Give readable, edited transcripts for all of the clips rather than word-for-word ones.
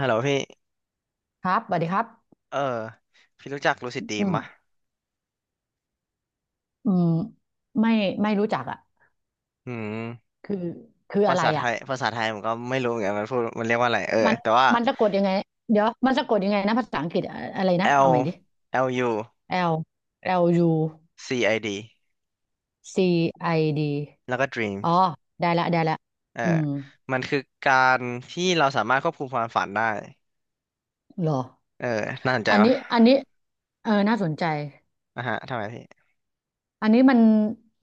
ฮัลโหลพี่ครับสวัสดีครับเออพี่รู้จักลูซิอดดรีืมมปะอืมไม่ไม่รู้จักอ่ะอืมคือคือภาอะไรษาไทอ่ะยภาษาไทยผมก็ไม่รู้เหมือนกันมันพูดมันเรียกว่าอะไรเออมันแต่ว่า มันสะกดยังไงเดี๋ยวมันสะกดยังไงนะภาษาอังกฤษอะอะไรนะ เอาใหม่ L ดิ L U L L U C I D C I D แล้วก็ อ๋อ Dreams ได้ละเอออืมมันคือการที่เราสามารถควบคุมความฝันได้เหรอ เออน่าสนใจอันปะนี้อันนี้เออน่าสนใจ อ่ะฮะทำไมพี่อันนี้มัน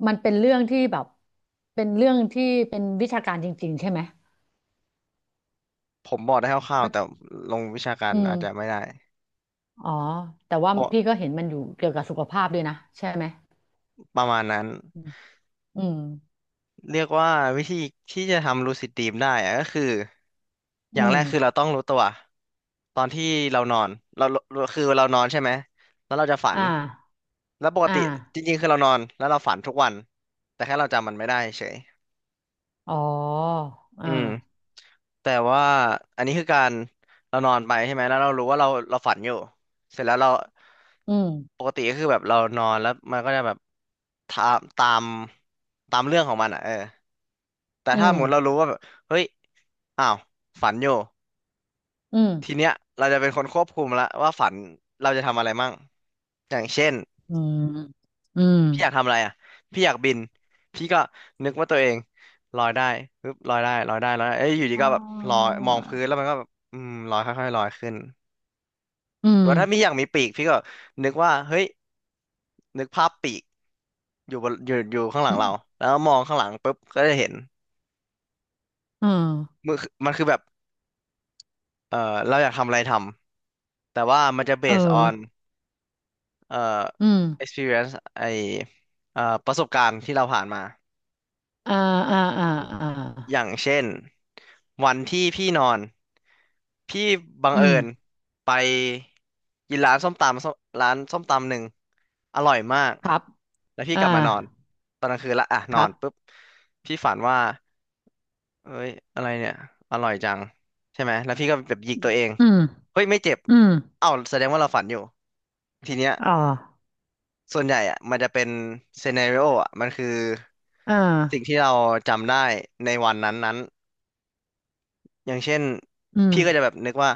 มันเป็นเรื่องที่แบบ เป็นเรื่องที่เป็นวิชาการจริงๆใช่ไหมผมบอกได้คร่าวก็ๆแต่ลงวิชาการอือาจจะไม่มได้อ๋อ แต่ว่าเพราะพี่ก็เห็นมันอยู่เกี่ยวกับสุขภาพด้วยนะ ใช่ไหม ประมาณนั้น อืมอืมเรียกว่าวิธีที่จะทำลูซิดดรีมได้อะก็คือออืย่างแรมกคือเราต้องรู้ตัวตอนที่เรานอนเราเราคือเรานอนใช่ไหมแล้วเราจะฝันอ่าแล้วปกอ่าติจริงๆคือเรานอนแล้วเราฝันทุกวันแต่แค่เราจำมันไม่ได้เฉยอ๋ออือ่ามแต่ว่าอันนี้คือการเรานอนไปใช่ไหมแล้วเรารู้ว่าเราฝันอยู่เสร็จแล้วเราอืมปกติก็คือแบบเรานอนแล้วมันก็จะแบบตามตามตามเรื่องของมันอ่ะเออ แต่อืถ้ามหมดเรารู้ว่าแบบเฮ้ยอ้าวฝันอยู่อืมทีเนี้ยเราจะเป็นคนควบคุมละว่าฝันเราจะทำอะไรมั่งอย่างเช่นอืมอืมพี่อยากทำอะไรอ่ะพี่อยากบินพี่ก็นึกว่าตัวเองลอยได้ปึ๊บลอยได้ลอยได้ลอยได้เอ้ยอยู่ดีอ๋อก็แบบลอยมองพื้นแล้วมันก็แบบอืมลอยค่อยๆลอยขึ้นอืหรืมอว่าถ้าพี่อยากมีปีกพี่ก็นึกว่าเฮ้ยนึกภาพปีกอยู่บนอยู่อยู่ข้างหลัอืงมเราแล้วมองข้างหลังปุ๊บก็จะเห็นอืมมือมันคือแบบเออเราอยากทำอะไรทำแต่ว่ามันจะ เออ based on เอ่อ อืม experience ไอประสบการณ์ที่เราผ่านมาอ่าอ่าอ่าอ่อย่าางเช่นวันที่พี่นอนพี่บังอืเอิมญไปกินร้านส้มตำหนึ่งอร่อยมากครับแล้วพี่อ่ากลับมานอนตอนกลางคืนละอ่ะนคอรันปุ๊บบพี่ฝันว่าเอ้ยอะไรเนี่ยอร่อยจังใช่ไหมแล้วพี่ก็แบบหยิกตัวเองอืมเฮ้ยไม่เจ็บอืมเอ้าแสดงว่าเราฝันอยู่ทีเนี้ย อ๋อส่วนใหญ่อะมันจะเป็นซีนาริโออะมันคืออ่าสิ่งที่เราจำได้ในวันนั้นๆอย่างเช่นอืมพี่ก็จะแบบนึกว่า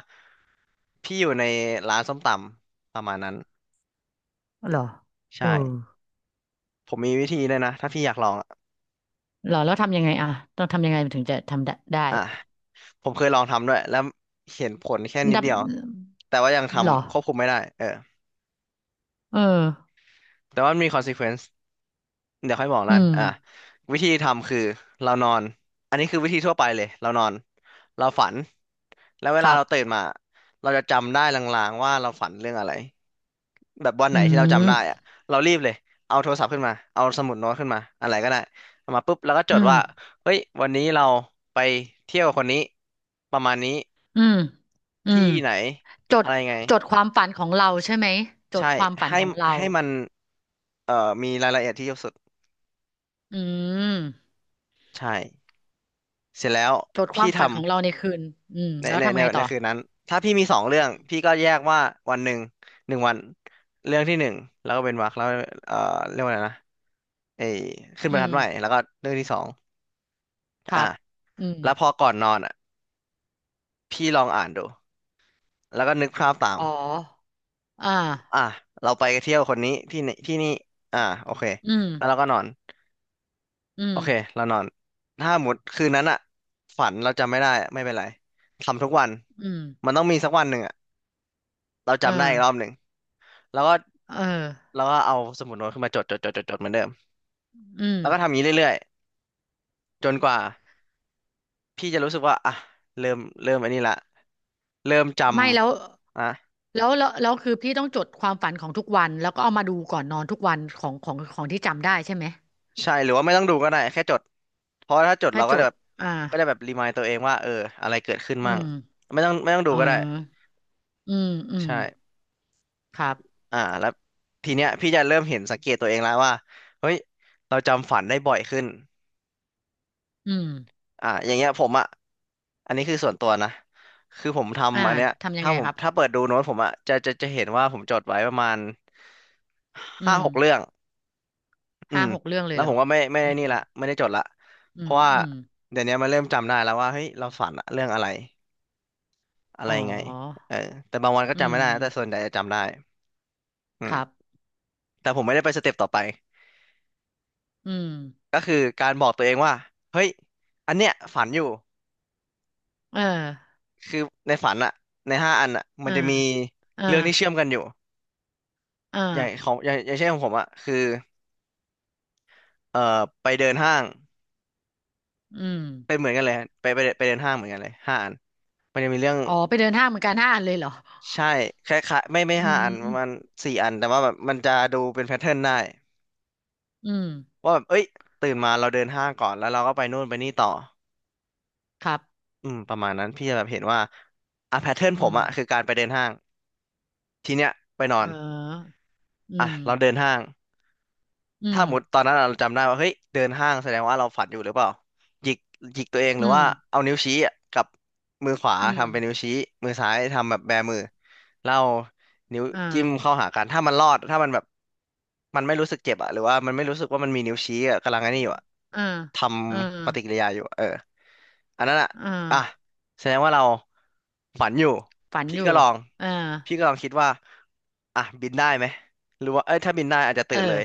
พี่อยู่ในร้านส้มตำประมาณนั้นเหรอเอใช่อผมมีวิธีเลยนะถ้าพี่อยากลองอะเหรอ แล้วทำยังไงอ่ะ ต้องทำยังไงถึงจะทำได้อ่ะผมเคยลองทำด้วยแล้วเห็นผลแค่นิดเดียวดแต่ว่ายังำเหรอทำควบคุมไม่ได้เออเออ แต่ว่ามันมี consequence เดี๋ยวค่อยบอกอืนั่นมอ่ะวิธีทำคือเรานอน อันนี้คือวิธีทั่วไปเลยเรานอนเราฝัน แล้วเวคลารับเราตื่นมาเราจะจำได้ลางๆว่าเราฝันเรื่องอะไรแบบวันไหอืนที่เราจำได้มอะเรารีบเลยเอาโทรศัพท์ขึ้นมาเอาสมุดโน้ตขึ้นมาอะไรก็ได้เอามาปุ๊บแล้วก็จอืดมว่าเฮ้ย วันนี้เราไปเที่ยวกับคนนี้ประมาณนี้อืมอืมที่ไหน จอะดไรไงจดความฝันของเราใช่ไหม จดใช่ความฝันให้ของเราให้มันมีรายละเอียดที่เยอะสุดอืมใช่เสร็จแล้วจดควาพี่มฝันขทำ องเราในคืนอืมในแล้วในทำในไงในต่อคืนนั้นถ้าพี่มีสองเรื่องพี่ก็แยกว่าวันหนึ่งหนึ่งวันเรื่องที่หนึ่งแล้วก็เป็นวรรคแล้วเอ่อเรียกว่าอะไรนะไอ้ขึ้นอืบรรทัมดใหม่แล้วก็เรื่องที่สองครัอ่ะบอืมแล้วพอก่อนนอนอ่ะพี่ลองอ่านดูแล้วก็นึกภาพตามอ๋ออ่าอ่ะเราไปเที่ยวคนนี้ที่นี่ที่นี่อ่ะโอเคอืมแล้วเราก็นอนอืโอมเคเรานอนถ้าหมดคืนนั้นอ่ะฝันเราจำไม่ได้ไม่เป็นไรทำทุกวันอืมมันต้องมีสักวันหนึ่งอ่ะเราเออจำได้อีกรอบหนึ่ง แล้วก็เออเอาสมุดโน้ตขึ้นมาจดจดจดจดจดเหมือนเดิมอืมแล้วก็ทำอย่างนี้เรื่อยๆจนกว่าพี่จะรู้สึกว่าอ่ะเริ่มอันนี้ละเริ่มจไม่แล้วำอ่ะแล้วคือพี่ต้องจดความฝันของทุกวัน แล้วก็เอามาดูก่อนนอนทุกวันของที่จำได้ใช่ไหมใช่หรือว่าไม่ต้องดูก็ได้แค่จดเพราะถ้าจดค่อเรายก็จจะดแบบอ่ารีมายตัวเองว่าเอออะไรเกิดขึ้นอืมั่งม ไม่ต้องดูอ๋อก็ได้อืมอืมใช่ครับอ่าแล้วทีเนี้ยพี่จะเริ่มเห็นสังเกตตัวเองแล้วว่าเฮ้ยเราจำฝันได้บ่อยขึ้น อืมอ่ะอย่างเงี้ยผมอ่ะอันนี้คือส่วนตัวนะคือผมอ่าทำอันเนี้ยทำยังถ้าไงผมครับถ้าเปิดดูโน้ตผมอ่ะจะเห็นว่าผมจดไว้ประมาณอืห้ามหกเรื่องอืห้ามหกเรื่องเลแล้ยวเหรผอมก็อืมไม่ได้จดละเพอืราะมว่าอืมเดี๋ยวนี้มันเริ่มจำได้แล้วว่าเฮ้ยเราฝันอะเรื่องอะไรอะไรอ๋อยังไงเออแต่บางวันก็อืจำมไม่ได้นะแต่ส่วนใหญ่จะจำได้อืครับมแต่ผมไม่ได้ไปสเต็ปต่อไปอืมก็คือการบอกตัวเองว่าเฮ้ยอันเนี้ยฝันอยู่เออคือในฝันอะในห้าอันอะมัเอนจะมีเออเรื่องที่เชื่อมกันอยู่ ออย่างของอย่างเช่นของผมอะคือเอ่อไปเดินห้างอืมเป็นเหมือนกันเลยไปเดินห้างเหมือนกันเลยห้าอันมันจะมีเรื่องอ๋อไปเดินห้างเหมือนกันห้าอันเลยเหรอใช่คล้ายๆไม่อืห้าอันประมาณมสี่อันแต่ว่าแบบมันจะดูเป็นแพทเทิร์นได้อืมว่าแบบเอ้ยตื่นมาเราเดินห้างก่อนแล้วเราก็ไปนู่นไปนี่ต่อครับอืมประมาณนั้นพี่จะแบบเห็นว่าอ่ะแพทเทิร์นผอืมมอะคือการไปเดินห้างทีเนี้ยไปนอเอนออือ่ะมเราเดินห้าง อืถ้ามหมดตอนนั้นเราจำได้ว่าเฮ้ยเดินห้างแสดงว่าเราฝันอยู่หรือเปล่าหยิกหยิกตัวเองหอืรือมว่าเอานิ้วชี้อะกับมือขวาอืมทำเป็นนิ้วชี้มือซ้ายทำแบบแบมือแล้วเอานิ้วอ่าจิ้มเข้าหากันถ้ามันรอดถ้ามันแบบมันไม่รู้สึกเจ็บอะหรือว่ามันไม่รู้สึกว่ามันมีนิ้วชี้อะกำลังไอ้นี่อยู่อะอ่าทอ่าำปฏิกิริยาอยู่อะเออ อันนั้นอ่ะอ่าอ่ะแสดงว่าเราฝันอยู่ฝันพี่อยู่ก็ลองอ่าพี่ก็ลองคิดว่าอ่ะบินได้ไหมหรือว่าเอ้ยถ้าบินได้อาจจะเอตื่อนเลย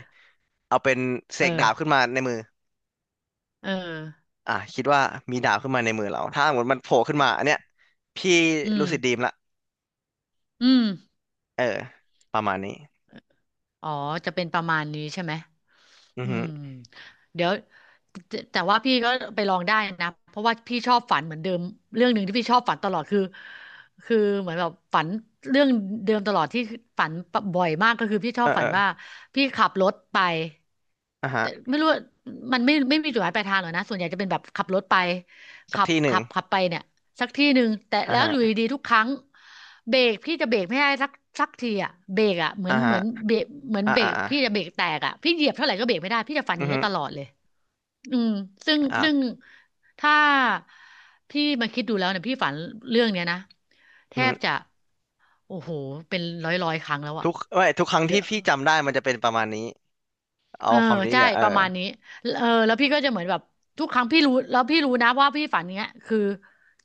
เอาเป็นเสเอกดาอ บขึ้นมาในมือเอออ่ะคิดว่ามีดาบขึ้นมาในมือเราถ้าสมมติมันโผล่ขึ้นมาอันเนี้ยพี่อืรูมสิดดีมละอืมเออประมาณนี้อ๋อจะเป็นประมาณนี้ใช่ไหมอืออืฮึมเดี๋ยวแต่ว่าพี่ก็ไปลองได้นะเพราะว่าพี่ชอบฝันเหมือนเดิมเรื่องหนึ่งที่พี่ชอบฝันตลอดคือเหมือนแบบฝันเรื่องเดิมตลอดที่ฝันบ่อยมากก็คือพี่ชอเออบฝัเออนว่าพี่ขับรถไป อ่ะฮะแต่ไม่รู้ว่ามันไม่มีจุดหมายปลายทางหรอกนะส่วนใหญ่จะเป็นแบบขับรถไปสักที่หนึ่งขับไปเนี่ยสักที่หนึ่งแต่อ่ะแล้วฮะอยู่ดีๆทุกครั้งเบรกพี่จะเบรกไม่ได้สักทีอ่ะเบรกอ่ะเหมืออ่ะนเหฮะมือนเบรกเหมือนอ่ะเบรอ่ะกอ่ะพี่จะเบรกแตกอ่ะพี่เหยียบเท่าไหร่ก็เบรกไม่ได้พี่จะฝันออืย่าองนี้ฮึยตลอดเลยอืมซึ่งอ่ะถ้าพี่มาคิดดูแล้วเนี่ยพี่ฝันเรื่องเนี้ยนะแทอือบจะฮึโอ้โหเป็นร้อยครั้งแล้วอ่ะทุกไม่ทุกครั้งเดี๋ที่ยว พี่จำได้มันจะเป็นประมาณนี้เอาเออความนี้ใช่เนี่ยเออประมาณนี้เออแล้วพี่ก็จะเหมือนแบบทุกครั้งพี่รู้แล้วพี่รู้นะว่าพี่ฝันเนี้ยคือ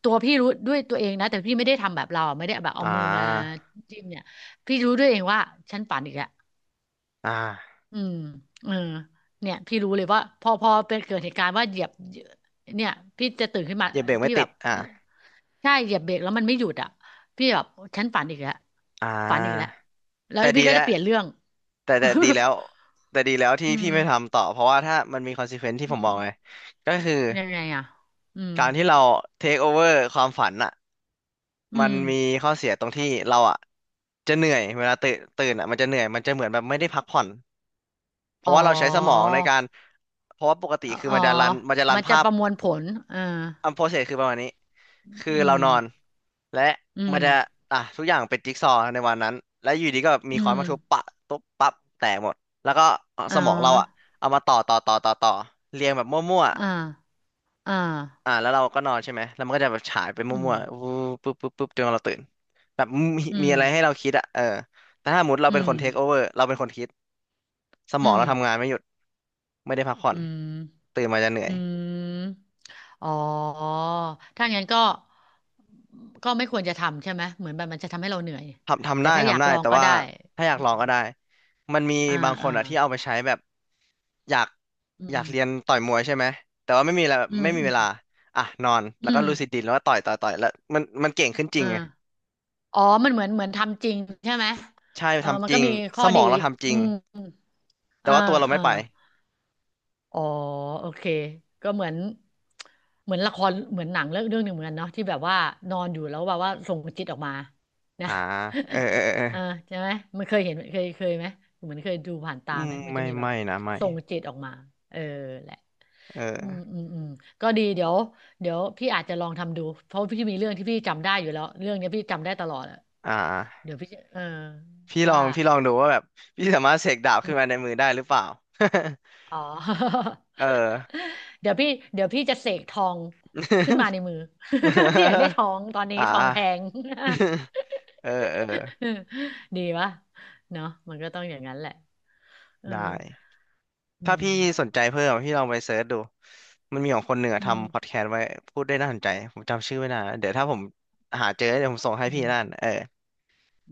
ตัวพี่รู้ด้วยตัวเองนะแต่พี่ไม่ได้ทำแบบเราอะไม่ได้แบบเอาอ่มือมาา จิ้มเนี่ยพี่รู้ด้วยเองว่าฉันฝันอีกแล้วอ่าอืมเออเนี่ยพี่รู้เลยว่าพอเป็นเกิดเหตุการณ์ว่าเหยียบเนี่ยพี่จะตื่นขึ้นมาเหยียบเบรกไม่พี่แบติดบอ่าใช่เหยียบเบรกแล้วมันไม่หยุดอ่ะพี่แบบฉันฝันอีกแล้วอ่ฝันอีกแล้วาแล้วแต่ดีพี่ก็แล้วจะเปลี่ยนเรื่อง แต่ดีแล้ว แต่ดีแล้วที่อืพี่มไม่ทำต่อเพราะว่าถ้ามันมีคอนซ e เควน e ที่อืผมบอกไงม ก็คือเป็นยังไงอ่ะอืมการที่เราเทคโอเวอร์ความฝันอ่ะอืมันมมีข้อเสียตรงที่เราอ่ะจะเหนื่อยเวลาตื่นตื่นอ่ะมันจะเหนื่อยมันจะเหมือนแบบไม่ได้พักผ่อนเพอ๋ราะอว่าเราใช้สมองในการเพราะว่าปกติอคือ๋อมันจะรันมันจะรัมันนจะภาพ ประมวลผลเอออัมโพเซสคือประมาณนี้คืออืเรามนอนและอืมัมนจะอ่ะทุกอย่างเป็นจิ๊กซอว์ในวันนั้นและอยู่ดีก็แบบมีอืค้อนมมาทุบปะตุ๊บปั๊บแตกหมดแล้วก็อ๋สมองเราอ่ะอเอามาต่อเรียงแบบมั่วอ่าๆอ่าอ่ะแล้วเราก็นอนใช่ไหมแล้วมันก็จะแบบฉายไปอืมั่มวๆวูบปุ๊บจนเราตื่นแบบมีอืมีมอะไรให้เราคิดอ่ะเออแต่ถ้าสมมติเราอืเป็นคมนเทคโอเวอร์เราเป็นคนคิดสมอืองมเราทำงานไม่หยุดไม่ได้พักผ่อนอืมตื่นมาจะเหนื่ออืย มอ๋อถ้างั้นก็ก็ไม่ควรจะทำใช่ไหมเหมือนแบบมันจะทำให้เราเหนื่อยทำทำแต่ได้ถ้าอยาทำกได้ลองแต่ก็ว่าได้ถ้าอยากอืลองมก็ได้มันมีอ่าบางคนอ่าอะที่เอาไปใช้แบบอยากอือยามกเรียนต่อยมวยใช่ไหมแต่ว่าไม่มีแล้วอืไม่มมีอืเวมลาอ่ะนอนอืแล้วก็มลูซิดดรีมแล้วก็ต่อยแล้วมันเก่งขึ้นจริงไงอ่า อ๋อมันเหมือนเหมือนทำจริงใช่ไหมใช่เออมัทำนจก็ริงมีข้สอมดีองเราทำจอืริงมแต่อ่าว่าตัวเราไม่อ่าไปอ๋อโอเคก็เหมือนเหมือนละครเหมือนหนังเรื่องหนึ่งเหมือนกันเนาะที่แบบว่านอนอยู่แล้วแบบว่าส่งจิตออกมานะ อ่าเออเออเออ เออใช่ไหมมันเคยเห็นเคยไหมเหมือนเคยดูผ่านตาอืไหมมมันไม่จะมีแบบไม่นะไม่ส่งจิตออกมาเออแหละเอืมอออืมอืมก็ดีเดี๋ยวพี่อาจจะลองทำดู เพราะพี่มีเรื่องที่พี่จำได้อยู่แล้วเรื่องเนี้ยพี่จำได้ตลอด อ่าเดี๋ยวพี่จะเออพี่ลอว่างพี่ลองดูว่าแบบพี่สามารถเสกดาบอืขึ้นมามในมือได้หรือเปล่า อ๋อ เออ เดี๋ยวพี่เดี๋ยวพี่จะเสกทองขึ้นมาในมือ พี่อยากได้ทองตอน นี้อ่า ทองแพง เออเออ ดีวะเนาะมันก็ต้องอย่างนั้นแหละเออได้อืถ้ามพี่สนใจเพิ่มพี่ลองไปเซิร์ชดูมันมีของคนเหนืออืทำพอดมแคสต์ไว้พูดได้น่าสนใจผมจำชื่อไม่ได้นะเดี๋ยวถ้าผมหาเจอเดี๋ยวผมส่งให้อืพี่มนั่นเออ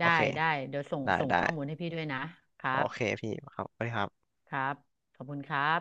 โอได้เคได้เดี๋ยวส่งได้ส่งได้ข้อมูลให้พี่ด้วยนะครัโอบเคพี่ครับสวัสดีครับครับขอบคุณครับ